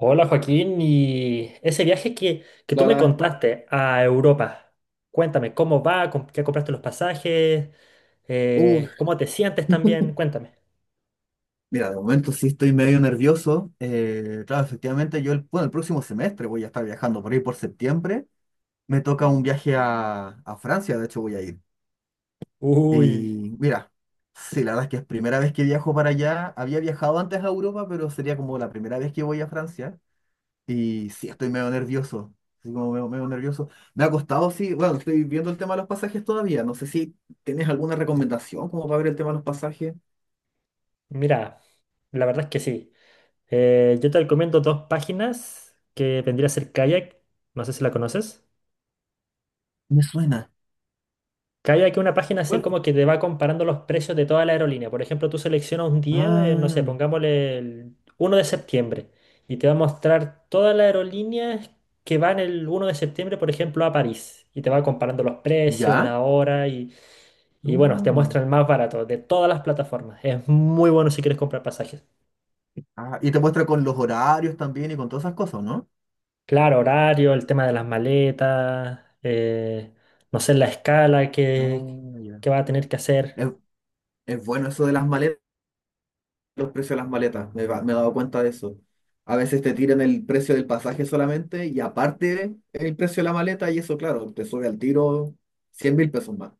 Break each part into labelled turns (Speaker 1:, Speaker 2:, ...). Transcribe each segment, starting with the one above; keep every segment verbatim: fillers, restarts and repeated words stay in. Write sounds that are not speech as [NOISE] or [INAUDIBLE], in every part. Speaker 1: Hola Joaquín, y ese viaje que, que tú
Speaker 2: La
Speaker 1: me
Speaker 2: verdad.
Speaker 1: contaste a Europa, cuéntame, ¿cómo va? ¿Com- ¿Qué compraste los pasajes?
Speaker 2: Uy,
Speaker 1: Eh, ¿cómo te sientes también? Cuéntame.
Speaker 2: mira, de momento sí estoy medio nervioso. Eh, claro, efectivamente, yo el, bueno, el próximo semestre voy a estar viajando por ahí por septiembre. Me toca un viaje a, a Francia, de hecho voy a ir.
Speaker 1: Uy,
Speaker 2: Y mira, sí, la verdad es que es primera vez que viajo para allá. Había viajado antes a Europa, pero sería como la primera vez que voy a Francia. Y sí, estoy medio nervioso. Así como medio, medio nervioso. Me ha costado, sí, bueno, estoy viendo el tema de los pasajes todavía. No sé si tienes alguna recomendación como para ver el tema de los pasajes.
Speaker 1: mira, la verdad es que sí. Eh, yo te recomiendo dos páginas que vendría a ser Kayak, no sé si la conoces.
Speaker 2: Me suena.
Speaker 1: Que hay aquí una página así como que te va comparando los precios de toda la aerolínea. Por ejemplo, tú seleccionas un día, eh, no sé,
Speaker 2: Ah,
Speaker 1: pongámosle el uno de septiembre y te va a mostrar todas las aerolíneas que van el uno de septiembre, por ejemplo, a París. Y te va comparando los precios,
Speaker 2: ¿ya?
Speaker 1: la hora y, y bueno, te muestra
Speaker 2: Mm.
Speaker 1: el más barato de todas las plataformas. Es muy bueno si quieres comprar pasajes.
Speaker 2: Ah, y te muestra con los horarios también y con todas esas cosas, ¿no?
Speaker 1: Claro, horario, el tema de las maletas, eh, no sé, la escala que,
Speaker 2: Ah, ya.
Speaker 1: que va a tener que hacer.
Speaker 2: Es, es bueno eso de las maletas, los precios de las maletas, me, va- me he dado cuenta de eso. A veces te tiran el precio del pasaje solamente y aparte el precio de la maleta y eso, claro, te sube al tiro cien mil pesos más.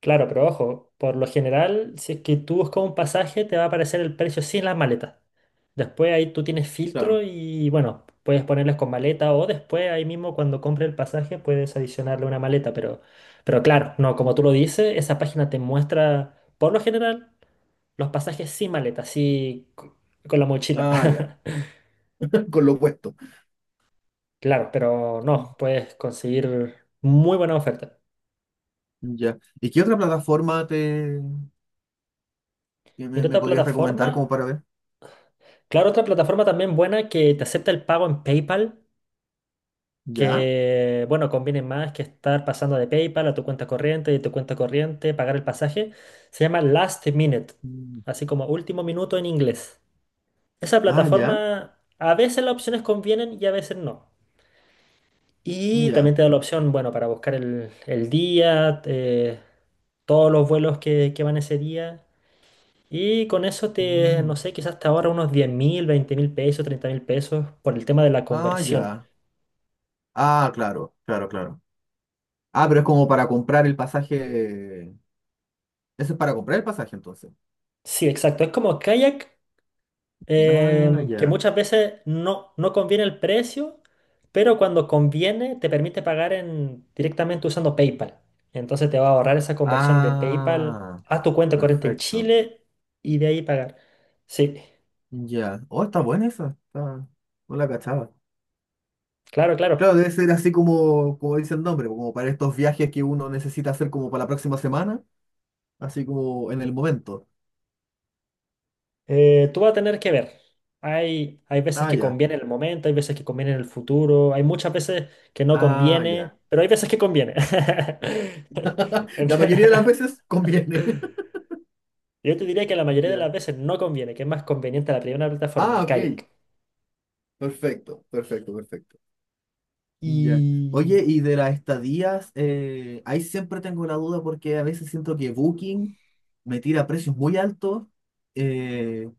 Speaker 1: Claro, pero ojo, por lo general, si es que tú buscas un pasaje, te va a aparecer el precio sin las maletas. Después ahí tú tienes filtro
Speaker 2: Claro.
Speaker 1: y bueno, puedes ponerles con maleta o después ahí mismo cuando compres el pasaje puedes adicionarle una maleta, pero, pero claro, no, como tú lo dices, esa página te muestra por lo general los pasajes sin maleta, así co- con la mochila.
Speaker 2: Ah, ya,
Speaker 1: [LAUGHS]
Speaker 2: [LAUGHS] con lo puesto.
Speaker 1: Claro, pero
Speaker 2: Mm.
Speaker 1: no, puedes conseguir muy buena oferta.
Speaker 2: Ya. ¿Y qué otra plataforma te que me,
Speaker 1: Mira
Speaker 2: me
Speaker 1: otra
Speaker 2: podrías recomendar como
Speaker 1: plataforma.
Speaker 2: para ver?
Speaker 1: Claro, otra plataforma también buena que te acepta el pago en PayPal,
Speaker 2: ¿Ya?
Speaker 1: que, bueno, conviene más que estar pasando de PayPal a tu cuenta corriente, de tu cuenta corriente, pagar el pasaje. Se llama Last Minute,
Speaker 2: Mm.
Speaker 1: así como último minuto en inglés. Esa
Speaker 2: Ah, ya.
Speaker 1: plataforma, a veces las opciones convienen y a veces no. Y también
Speaker 2: Ya.
Speaker 1: te da la opción, bueno, para buscar el, el día, eh, todos los vuelos que, que van ese día. Y con eso te, no
Speaker 2: Mm.
Speaker 1: sé, quizás te ahorra unos diez mil, veinte mil pesos, treinta mil pesos por el tema de la
Speaker 2: Ah,
Speaker 1: conversión.
Speaker 2: ya. Ah, claro, claro, claro. Ah, pero es como para comprar el pasaje. Eso es para comprar el pasaje, entonces.
Speaker 1: Sí, exacto. Es como Kayak,
Speaker 2: Ah,
Speaker 1: em, que
Speaker 2: ya.
Speaker 1: muchas veces no, no conviene el precio, pero cuando conviene te permite pagar en, directamente usando PayPal. Entonces te va a ahorrar esa conversión de PayPal
Speaker 2: Ah,
Speaker 1: a tu cuenta corriente en
Speaker 2: perfecto.
Speaker 1: Chile y de ahí pagar. Sí,
Speaker 2: Ya. Oh, está buena esa. Está... No la cachaba.
Speaker 1: claro, claro.
Speaker 2: Claro, debe ser así como, como dice el nombre, como para estos viajes que uno necesita hacer como para la próxima semana, así como en el momento.
Speaker 1: Eh, tú vas a tener que ver. Hay, hay veces
Speaker 2: Ah,
Speaker 1: que
Speaker 2: ya.
Speaker 1: conviene en el momento, hay veces que conviene en el futuro, hay muchas veces que no
Speaker 2: Ah,
Speaker 1: conviene,
Speaker 2: ya.
Speaker 1: pero hay veces que conviene. [LAUGHS]
Speaker 2: [LAUGHS] La mayoría de las
Speaker 1: Ent-
Speaker 2: veces conviene. [LAUGHS]
Speaker 1: Yo te diría que la mayoría de las
Speaker 2: Ya.
Speaker 1: veces no conviene, que es más conveniente la primera plataforma,
Speaker 2: Ah, ok.
Speaker 1: Kayak.
Speaker 2: Perfecto, perfecto, perfecto. Ya. Oye,
Speaker 1: Y
Speaker 2: y de las estadías, eh, ahí siempre tengo la duda porque a veces siento que Booking me tira precios muy altos, eh,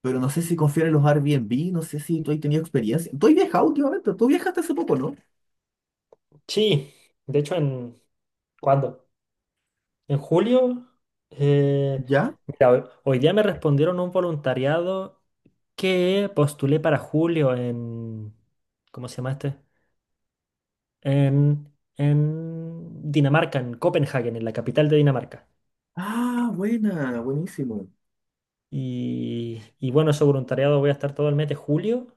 Speaker 2: pero no sé si confiar en los Airbnb, no sé si tú has tenido experiencia. Tú has viajado últimamente, tú viajaste hace poco, ¿no?
Speaker 1: sí, de hecho, en ¿cuándo? En julio. eh,
Speaker 2: ¿Ya?
Speaker 1: Mira, hoy hoy día me respondieron un voluntariado que postulé para julio en, ¿cómo se llama este? En, en, Dinamarca, en Copenhague, en la capital de Dinamarca.
Speaker 2: Ah, buena, buenísimo.
Speaker 1: Y, y bueno, ese voluntariado voy a estar todo el mes de julio.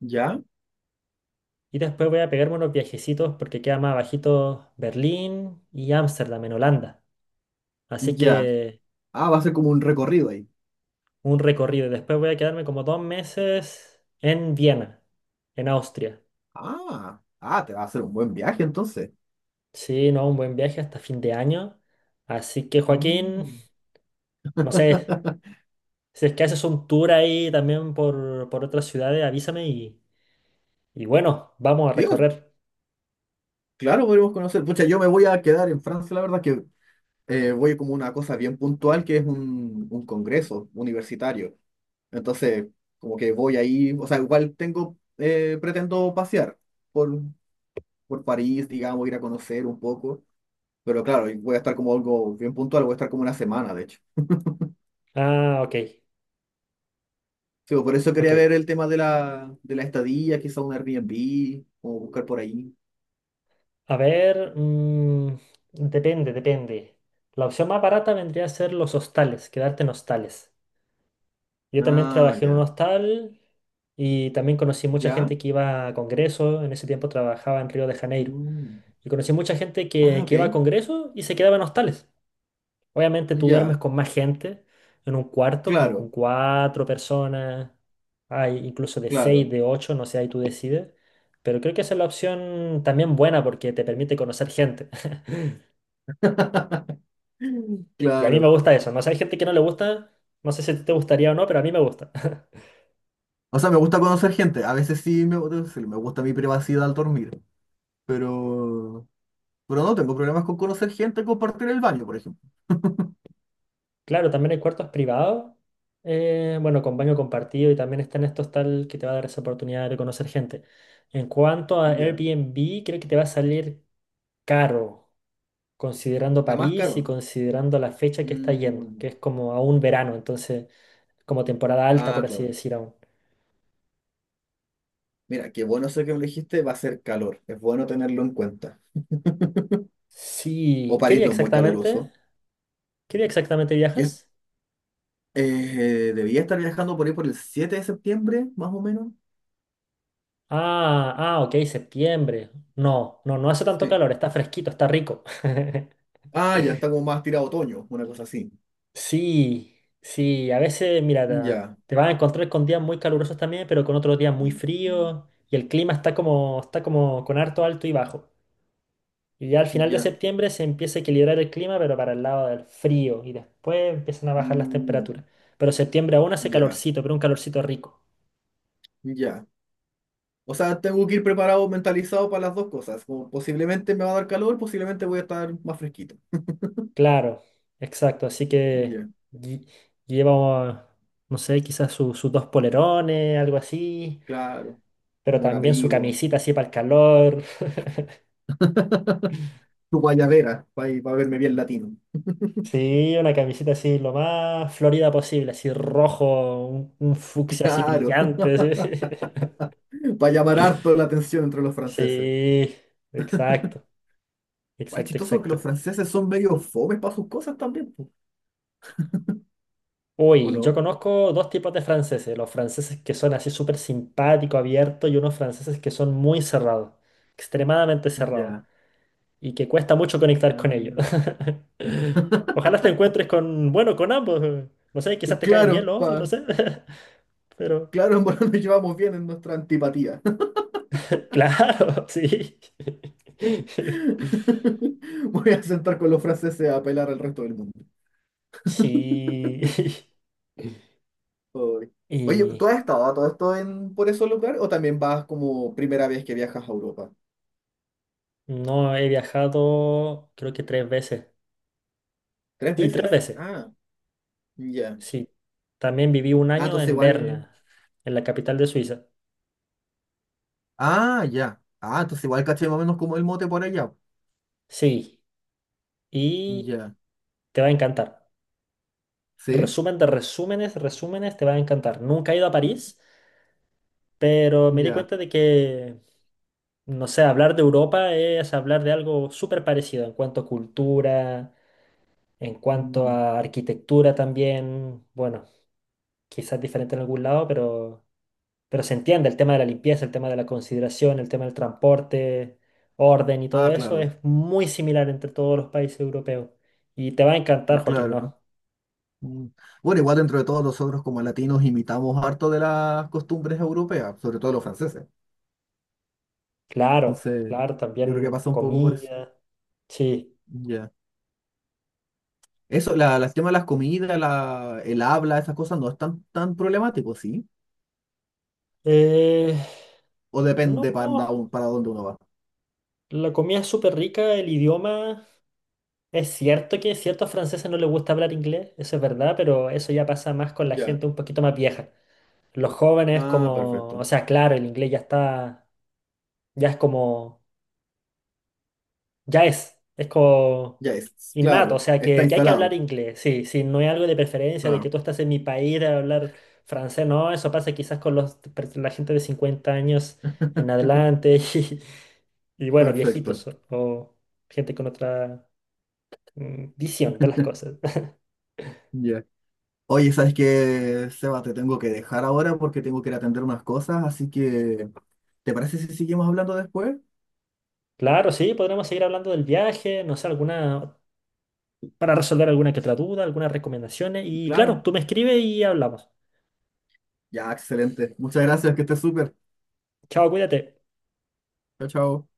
Speaker 2: ¿Ya?
Speaker 1: Y después voy a pegarme unos viajecitos porque queda más abajito Berlín y Ámsterdam en Holanda. Así
Speaker 2: Ya.
Speaker 1: que
Speaker 2: Ah, va a ser como un recorrido ahí.
Speaker 1: un recorrido. Y después voy a quedarme como dos meses en Viena, en Austria.
Speaker 2: Ah, ah, te va a hacer un buen viaje entonces.
Speaker 1: Sí, no, un buen viaje hasta fin de año. Así que Joaquín,
Speaker 2: Mm.
Speaker 1: no sé,
Speaker 2: [LAUGHS]
Speaker 1: si es que haces un tour ahí también por, por otras ciudades, avísame y, y bueno, vamos a
Speaker 2: Dios,
Speaker 1: recorrer.
Speaker 2: claro, podemos conocer. Pucha, yo me voy a quedar en Francia, la verdad que eh, voy como una cosa bien puntual que es un, un congreso universitario. Entonces, como que voy ahí, o sea, igual tengo, eh, pretendo pasear por, por París, digamos, ir a conocer un poco, pero claro, y voy a estar como algo bien puntual, voy a estar como una semana, de hecho.
Speaker 1: Ah, ok,
Speaker 2: Sí, pues, por eso quería
Speaker 1: ok.
Speaker 2: ver el tema de la, de la estadía, quizá un Airbnb, o buscar por ahí.
Speaker 1: A ver, mm, depende, depende. La opción más barata vendría a ser los hostales, quedarte en hostales. Yo también
Speaker 2: Ah,
Speaker 1: trabajé en un
Speaker 2: ya.
Speaker 1: hostal y también conocí mucha
Speaker 2: ¿Ya?
Speaker 1: gente que iba a congresos. En ese tiempo trabajaba en Río de Janeiro.
Speaker 2: Mm.
Speaker 1: Y conocí mucha gente
Speaker 2: Ah,
Speaker 1: que, que
Speaker 2: ok.
Speaker 1: iba a congresos y se quedaba en hostales. Obviamente tú duermes
Speaker 2: Ya.
Speaker 1: con más gente en un cuarto, como
Speaker 2: Claro,
Speaker 1: con cuatro personas. Hay incluso de seis,
Speaker 2: claro.
Speaker 1: de ocho, no sé, ahí tú decides. Pero creo que esa es la opción también buena porque te permite conocer gente.
Speaker 2: [LAUGHS]
Speaker 1: Y a mí me
Speaker 2: Claro.
Speaker 1: gusta eso. No sé, hay gente que no le gusta, no sé si te gustaría o no, pero a mí me gusta. [LAUGHS]
Speaker 2: O sea, me gusta conocer gente. A veces sí me, debo Me gusta mi privacidad al dormir. Pero, pero no tengo problemas con conocer gente, compartir el baño, por ejemplo.
Speaker 1: Claro, también hay cuartos privados, eh, bueno, con baño compartido y también están estos tal que te va a dar esa oportunidad de conocer gente. En cuanto a
Speaker 2: Ya.
Speaker 1: Airbnb, creo que te va a salir caro, considerando
Speaker 2: Está más
Speaker 1: París y
Speaker 2: caro.
Speaker 1: considerando la fecha que está yendo,
Speaker 2: Mm.
Speaker 1: que es como a un verano, entonces como temporada alta,
Speaker 2: Ah,
Speaker 1: por así
Speaker 2: claro.
Speaker 1: decir aún.
Speaker 2: Mira, qué bueno eso que elegiste, va a ser calor. Es bueno tenerlo en cuenta. O
Speaker 1: Sí, ¿qué
Speaker 2: París
Speaker 1: día
Speaker 2: no es muy
Speaker 1: exactamente?
Speaker 2: caluroso.
Speaker 1: ¿Qué día exactamente
Speaker 2: Yo
Speaker 1: viajas?
Speaker 2: eh, debía estar viajando por ahí por el siete de septiembre, más o menos.
Speaker 1: Ah, ah, ok, septiembre. No, no, no hace tanto
Speaker 2: Sí.
Speaker 1: calor, está fresquito, está rico. [LAUGHS]
Speaker 2: Ah, ya está como más tirado a otoño, una cosa así.
Speaker 1: Sí, sí, a veces, mira, ta-
Speaker 2: Ya,
Speaker 1: te vas a encontrar con días muy calurosos también, pero con otros días muy fríos y el clima está como, está como con harto alto y bajo. Y ya al final de
Speaker 2: ya,
Speaker 1: septiembre se empieza a equilibrar el clima, pero para el lado del frío y después empiezan a bajar las
Speaker 2: Mm,
Speaker 1: temperaturas. Pero septiembre aún hace
Speaker 2: ya,
Speaker 1: calorcito, pero un calorcito rico.
Speaker 2: ya. O sea, tengo que ir preparado, mentalizado para las dos cosas. Como posiblemente me va a dar calor, posiblemente voy a estar más fresquito.
Speaker 1: Claro, exacto. Así que
Speaker 2: Ya,
Speaker 1: lle- lleva, no sé, quizás su- sus dos polerones, algo así,
Speaker 2: claro.
Speaker 1: pero
Speaker 2: Un buen
Speaker 1: también su
Speaker 2: abrigo.
Speaker 1: camisita así para el calor. [LAUGHS]
Speaker 2: Tu guayabera, para verme bien latino.
Speaker 1: Sí, una camisita así lo más florida posible, así rojo, un, un
Speaker 2: [LAUGHS]
Speaker 1: fucsia así
Speaker 2: Claro.
Speaker 1: brillante. Sí,
Speaker 2: [LAUGHS]
Speaker 1: [LAUGHS]
Speaker 2: Para llamar harto la atención entre los franceses.
Speaker 1: sí, exacto,
Speaker 2: Igual es
Speaker 1: exacto,
Speaker 2: chistoso que los
Speaker 1: exacto.
Speaker 2: franceses son medio fomes para sus cosas también, po. ¿O
Speaker 1: Uy, yo
Speaker 2: no?
Speaker 1: conozco dos tipos de franceses, los franceses que son así súper simpáticos, abiertos, y unos franceses que son muy cerrados, extremadamente cerrados,
Speaker 2: Ya.
Speaker 1: y que cuesta mucho conectar con ellos.
Speaker 2: Mm.
Speaker 1: [LAUGHS] Ojalá te encuentres con, bueno, con ambos. No sé, quizás te caen bien
Speaker 2: Claro,
Speaker 1: los otros, no
Speaker 2: pa,
Speaker 1: sé. [LAUGHS] Pero,
Speaker 2: claro, [LAUGHS] en verdad nos llevamos bien en nuestra antipatía.
Speaker 1: claro, [LAUGHS] sí. [LAUGHS]
Speaker 2: [LAUGHS] Voy a sentar con los franceses a apelar al resto del mundo.
Speaker 1: Sí. [LAUGHS]
Speaker 2: Uy. Oye,
Speaker 1: Y
Speaker 2: ¿tú has estado a todo esto en, por esos lugares o también vas como primera vez que viajas a Europa?
Speaker 1: no he viajado, creo que tres veces.
Speaker 2: ¿Tres
Speaker 1: Sí, tres
Speaker 2: veces?
Speaker 1: veces.
Speaker 2: Ah, ya.
Speaker 1: Sí. También viví un
Speaker 2: Ah,
Speaker 1: año
Speaker 2: entonces
Speaker 1: en
Speaker 2: igual...
Speaker 1: Berna, en la capital de Suiza.
Speaker 2: Ah, ya. Ah, entonces igual caché más o menos como el mote por allá.
Speaker 1: Sí. Y
Speaker 2: Ya.
Speaker 1: te va a encantar.
Speaker 2: ¿Sí?
Speaker 1: Resumen de resúmenes, resúmenes, te va a encantar. Nunca he ido a París, pero me di
Speaker 2: Ya.
Speaker 1: cuenta de que, no sé, hablar de Europa es hablar de algo súper parecido en cuanto a cultura, en cuanto
Speaker 2: Mm.
Speaker 1: a arquitectura también. Bueno, quizás diferente en algún lado, pero... Pero se entiende el tema de la limpieza, el tema de la consideración, el tema del transporte, orden y todo
Speaker 2: Ah,
Speaker 1: eso
Speaker 2: claro.
Speaker 1: es muy similar entre todos los países europeos. Y te va a encantar, Joaquín,
Speaker 2: Claro.
Speaker 1: ¿no?
Speaker 2: Mm. Bueno, igual dentro de todos nosotros como latinos imitamos harto de las costumbres europeas, sobre todo los franceses.
Speaker 1: Claro,
Speaker 2: Entonces,
Speaker 1: claro,
Speaker 2: yo creo que
Speaker 1: también
Speaker 2: pasa un poco por eso.
Speaker 1: comida, sí.
Speaker 2: Ya. Eso, la, las temas de las comidas, la, el habla, esas cosas no es tan, tan problemático, ¿sí?
Speaker 1: Eh,
Speaker 2: O depende para,
Speaker 1: no,
Speaker 2: dónde- para dónde uno va.
Speaker 1: la comida es súper rica, el idioma, es cierto que ciertos franceses no les gusta hablar inglés, eso es verdad, pero eso ya pasa más con la
Speaker 2: Ya.
Speaker 1: gente un poquito más vieja. Los jóvenes
Speaker 2: Ah,
Speaker 1: como, o
Speaker 2: perfecto.
Speaker 1: sea, claro, el inglés ya está, ya es como ya es, es como
Speaker 2: Ya es,
Speaker 1: innato, o
Speaker 2: claro,
Speaker 1: sea
Speaker 2: está
Speaker 1: que, que hay que hablar
Speaker 2: instalado.
Speaker 1: inglés, sí, sí, no hay algo de preferencia de que
Speaker 2: Claro.
Speaker 1: tú estás en mi país de hablar francés, no, eso pasa quizás con los, per- la gente de cincuenta años en
Speaker 2: [LAUGHS]
Speaker 1: adelante [LAUGHS] y, y bueno,
Speaker 2: Perfecto.
Speaker 1: viejitos o, o gente con otra mm, visión de las cosas. [LAUGHS]
Speaker 2: Ya. Oye, ¿sabes qué, Seba? Te tengo que dejar ahora porque tengo que ir a atender unas cosas, así que, ¿te parece si seguimos hablando después?
Speaker 1: Claro, sí, podremos seguir hablando del viaje, no sé, alguna, para resolver alguna que otra duda, algunas recomendaciones y claro,
Speaker 2: Claro.
Speaker 1: tú me escribes y hablamos.
Speaker 2: Ya, excelente. Muchas gracias, que estés súper.
Speaker 1: Chao, cuídate.
Speaker 2: Chao, chao.